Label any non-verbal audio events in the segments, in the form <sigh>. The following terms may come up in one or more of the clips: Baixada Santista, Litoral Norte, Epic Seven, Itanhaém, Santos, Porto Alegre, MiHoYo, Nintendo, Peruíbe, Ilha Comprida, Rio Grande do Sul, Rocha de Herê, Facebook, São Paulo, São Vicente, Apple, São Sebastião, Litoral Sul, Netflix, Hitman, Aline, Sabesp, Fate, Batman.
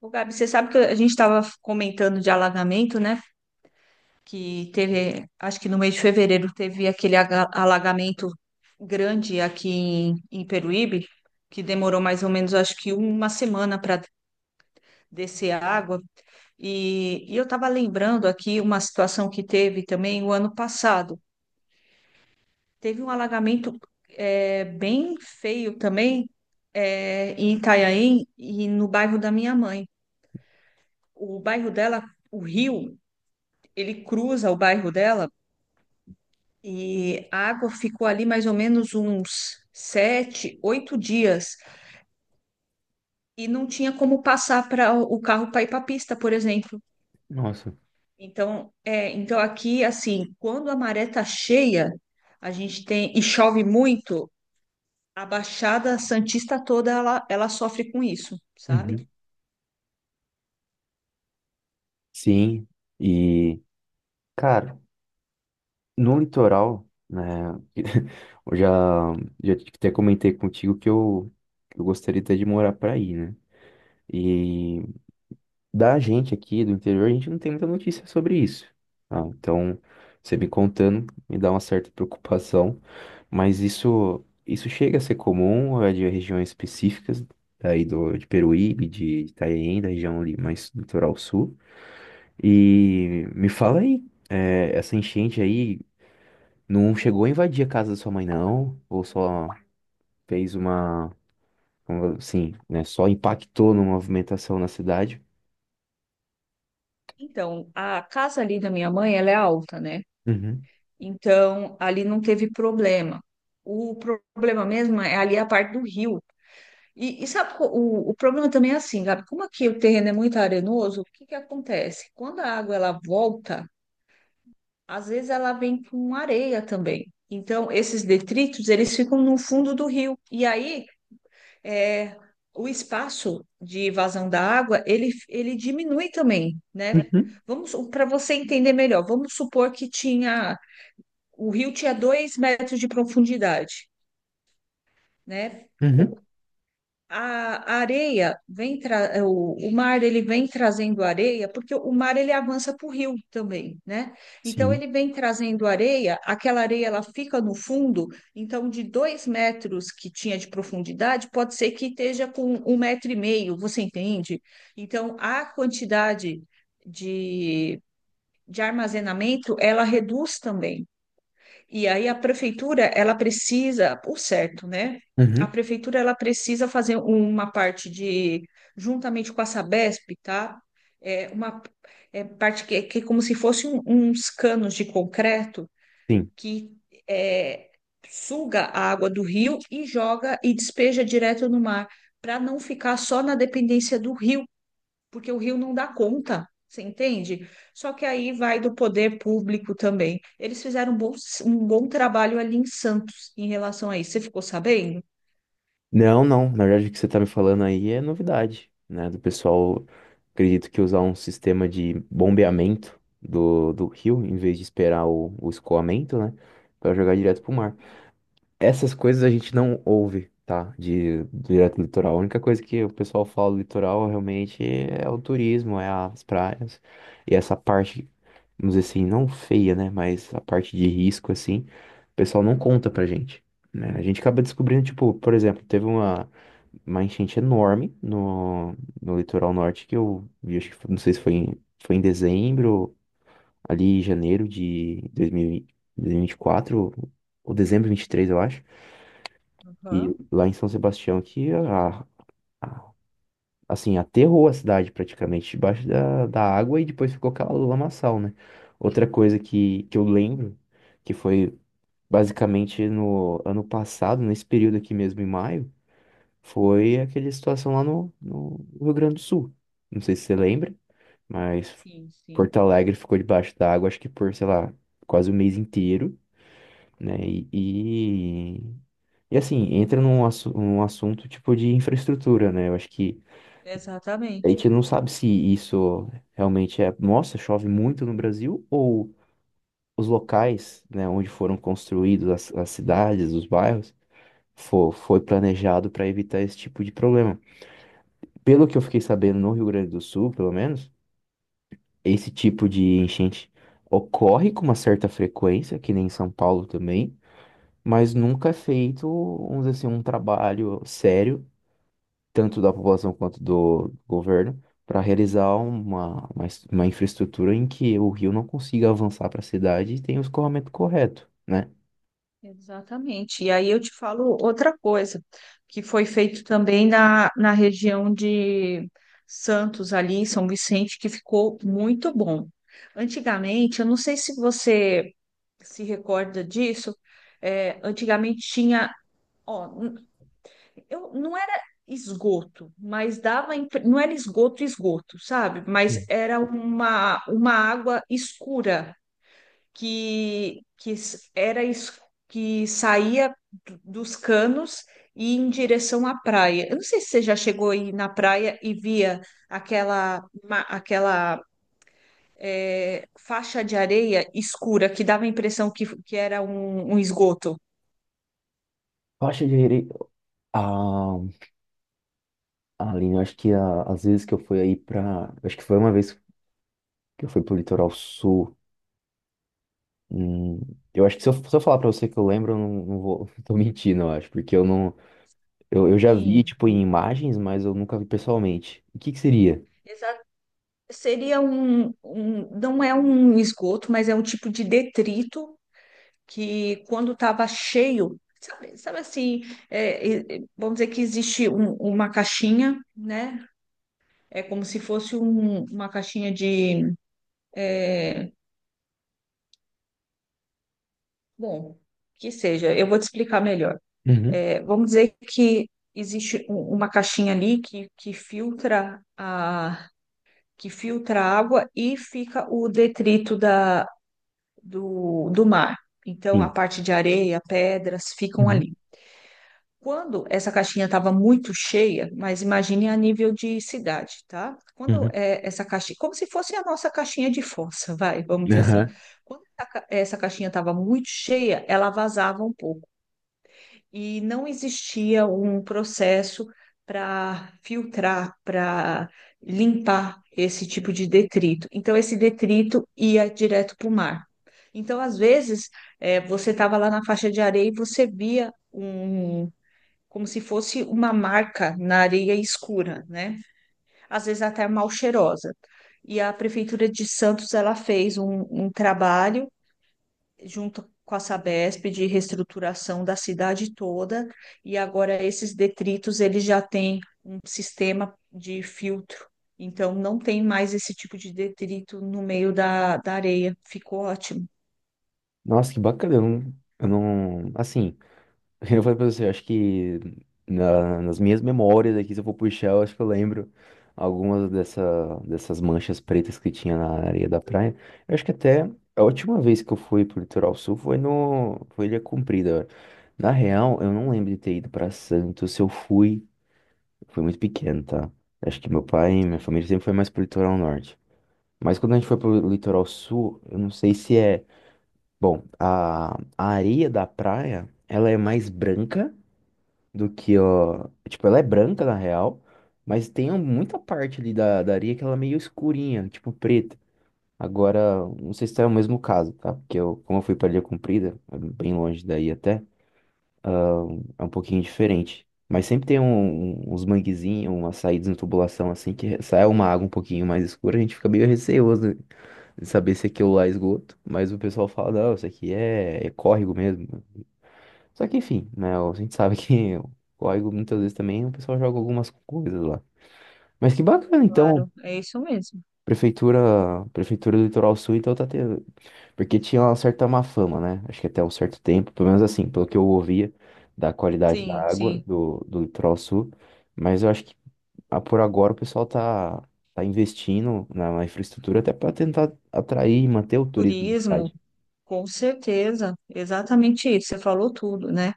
Ô, Gabi, você sabe que a gente estava comentando de alagamento, né? Que teve, acho que no mês de fevereiro teve aquele alagamento grande aqui em Peruíbe, que demorou mais ou menos, acho que uma semana para descer a água. E eu estava lembrando aqui uma situação que teve também o ano passado. Teve um alagamento bem feio também em Itanhaém e no bairro da minha mãe. O bairro dela, o rio ele cruza o bairro dela e a água ficou ali mais ou menos uns 7, 8 dias e não tinha como passar para o carro para ir para a pista, por exemplo. Nossa. Então aqui assim, quando a maré tá cheia, a gente tem e chove muito, a Baixada Santista toda ela sofre com isso, sabe? Uhum. Sim. E, cara, no litoral, né? <laughs> Eu já, já até comentei contigo que eu gostaria até de morar pra aí, né? E da gente aqui do interior, a gente não tem muita notícia sobre isso. Ah, então, você me contando, me dá uma certa <laughs> preocupação, mas isso chega a ser comum, é de regiões específicas, aí de Peruíbe, de Itanhaém, da região ali mais do litoral sul. E me fala aí, essa enchente aí não chegou a invadir a casa da sua mãe, não? Ou só fez uma, como assim, né? Só impactou na movimentação na cidade? Então, a casa ali da minha mãe, ela é alta, né? Uhum. Então, ali não teve problema. O problema mesmo é ali a parte do rio. E sabe, o problema também é assim, Gabi, como aqui o terreno é muito arenoso, o que que acontece? Quando a água ela volta, às vezes ela vem com areia também. Então, esses detritos, eles ficam no fundo do rio. E aí, é, o espaço de evasão da água, ele diminui também, né? Uhum. Vamos, para você entender melhor, vamos supor que tinha, o rio tinha 2 metros de profundidade, né? Uhum. A a areia vem o mar ele vem trazendo areia porque o mar ele avança para o rio também, né? Então Sim. ele vem trazendo areia, aquela areia ela fica no fundo, então de 2 metros que tinha de profundidade pode ser que esteja com 1,5 metro, você entende? Então a quantidade de, de armazenamento ela reduz também. E aí a prefeitura, ela precisa, por certo, né? A Uhum. prefeitura, ela precisa fazer uma parte de, juntamente com a Sabesp, tá? É uma é parte que é como se fosse uns canos de concreto Sim. que é, suga a água do rio e joga e despeja direto no mar, para não ficar só na dependência do rio porque o Rio não dá conta, você entende? Só que aí vai do poder público também. Eles fizeram um bom trabalho ali em Santos em relação a isso. Você ficou sabendo? Não, não. Na verdade, o que você tá me falando aí é novidade, né? Do pessoal, acredito que usar um sistema de bombeamento do rio, em vez de esperar o escoamento, né? Pra jogar direto pro mar. Essas coisas a gente não ouve, tá? De direto do litoral. A única coisa que o pessoal fala do litoral realmente é o turismo, é as praias. E essa parte, vamos dizer assim, não feia, né? Mas a parte de risco, assim, o pessoal não conta pra gente. Né? A gente acaba descobrindo, tipo, por exemplo, teve uma enchente enorme no litoral norte que eu vi, acho que não sei se foi em, foi em dezembro, ali em janeiro de 2024 ou dezembro de 23, eu acho. E Aham. lá em São Sebastião que a- assim, aterrou a cidade praticamente debaixo da água e depois ficou aquela lamaçal, né? Outra coisa que eu lembro, que foi basicamente no ano passado, nesse período aqui mesmo em maio, foi aquela situação lá no Rio Grande do Sul. Não sei se você lembra, mas Sim, sim. Porto Alegre ficou debaixo da água, acho que por, sei lá, quase o mês inteiro, né? E, e assim, entra num assunto tipo de infraestrutura, né? Eu acho que a gente Exatamente. não sabe se isso realmente é, nossa, chove muito no Brasil, ou os locais, né, onde foram construídos as cidades, os bairros, foi planejado para evitar esse tipo de problema. Pelo que eu fiquei sabendo no Rio Grande do Sul, pelo menos, esse tipo de enchente ocorre com uma certa frequência, que nem em São Paulo também, mas nunca é feito, vamos dizer assim, um trabalho sério tanto da população quanto do governo, para realizar uma infraestrutura em que o rio não consiga avançar para a cidade e tenha o escoamento correto, né? Exatamente. E aí eu te falo outra coisa que foi feito também na região de Santos, ali, São Vicente, que ficou muito bom. Antigamente, eu não sei se você se recorda disso, antigamente tinha, ó, não era esgoto, mas dava, não era esgoto, esgoto, sabe? Mas Hum. era uma água escura que s- era es- que saía dos canos e ia em direção à praia. Eu não sei se você já chegou aí na praia e via aquela faixa de areia escura que dava a impressão que era um esgoto. Rocha de Herê, ah, Aline, eu acho que às vezes que eu fui aí para, acho que foi uma vez que eu fui pro litoral sul, hum, eu acho que se eu falar para você que eu lembro, eu não vou, <laughs> tô mentindo, eu acho, porque eu não, eu já vi, Sim, tipo, em imagens, mas eu nunca vi pessoalmente. O que que seria? exa- seria um, não é um esgoto, mas é um tipo de detrito que quando estava cheio, sabe assim, vamos dizer que existe uma caixinha, né? É como se fosse uma caixinha de, é, bom, que seja, eu vou te explicar melhor. Uhum. É, vamos dizer que existe uma caixinha ali que filtra a água e fica o detrito da, do mar. Então, a Sim. parte de areia, pedras ficam Uhum. ali. Quando essa caixinha estava muito cheia, mas imagine a nível de cidade, tá? Quando Uhum. Essa caixinha, como se fosse a nossa caixinha de força, <laughs> vai, vamos dizer assim. <laughs> Quando essa caixinha estava muito cheia, ela vazava um pouco e não existia um processo para filtrar, para limpar esse tipo de detrito. Então, esse detrito ia direto para o mar. Então, às vezes, você estava lá na faixa de areia e você via, como se fosse uma marca na areia escura, né? Às vezes até mal cheirosa. E a Prefeitura de Santos, ela fez um trabalho junto com a Sabesp de reestruturação da cidade toda, e agora esses detritos, eles já têm um sistema de filtro. Então, não tem mais esse tipo de detrito no meio da areia. Ficou ótimo. Nossa, que bacana. Eu não, assim, <laughs> eu falei pra você, eu acho que nas minhas memórias aqui, se eu for puxar, eu acho que eu lembro algumas dessas manchas pretas que tinha na areia da praia. Eu acho que até a última vez que eu fui pro Litoral Sul foi no, foi Ilha Comprida. Na real, eu não lembro de ter ido pra Santos. Se eu fui, foi muito pequeno, tá? Acho que meu pai e minha família sempre foi mais pro Litoral Norte. Mas quando a gente foi pro Litoral Sul, eu não sei se é. Bom, a areia da praia, ela é mais branca do que, ó. Tipo, ela é branca na real, mas tem um, muita parte ali da areia que ela é meio escurinha, tipo preta. Agora, não sei se é o mesmo caso, tá? Porque eu, como eu fui pra Ilha Comprida, é bem longe daí até, é um pouquinho diferente. Mas sempre tem uns manguezinhos, umas saídas em tubulação assim, que sai uma água um pouquinho mais escura, a gente fica meio receoso de saber se aquilo lá é esgoto. Mas o pessoal fala, não, isso aqui é, é córrego mesmo. Só que, enfim, né? A gente sabe <laughs> que o código muitas vezes também o pessoal joga algumas coisas lá. Mas que bacana, então, Claro, é isso mesmo. prefeitura, prefeitura do Litoral Sul, então tá tendo. Porque tinha uma certa má fama, né? Acho que até um certo tempo, pelo menos assim, pelo que eu ouvia da qualidade da Sim, água sim. do Litoral Sul. Mas eu acho que ah, por agora o pessoal tá, tá investindo na infraestrutura até para tentar atrair e manter o turismo da Turismo, cidade. com certeza, exatamente isso, você falou tudo, né?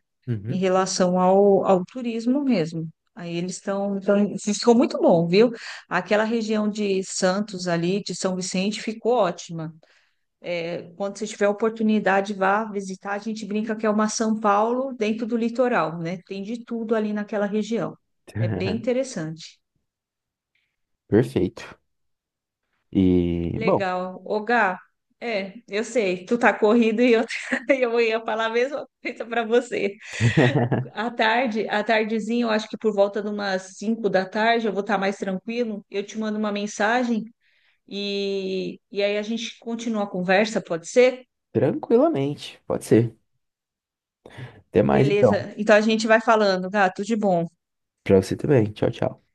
Em Uhum. relação ao turismo mesmo. Aí eles estão, ficou muito bom, viu? Aquela região de Santos ali, de São Vicente, ficou ótima. Quando você tiver oportunidade, vá visitar. A gente brinca que é uma São Paulo dentro do litoral, né? Tem de tudo ali naquela região. É bem <laughs> interessante. Perfeito. E, bom. Legal. Ô, Gá, eu sei, tu tá corrido e eu, <laughs> eu ia falar a mesma coisa para você. <laughs> À tarde, à tardezinha, eu acho que por volta de umas 5 da tarde, eu vou estar mais tranquilo. Eu te mando uma mensagem e aí a gente continua a conversa, pode ser? Tranquilamente, pode ser. Até mais então. Beleza. Então a gente vai falando, gato, de bom. Pra você também. Tchau, tchau.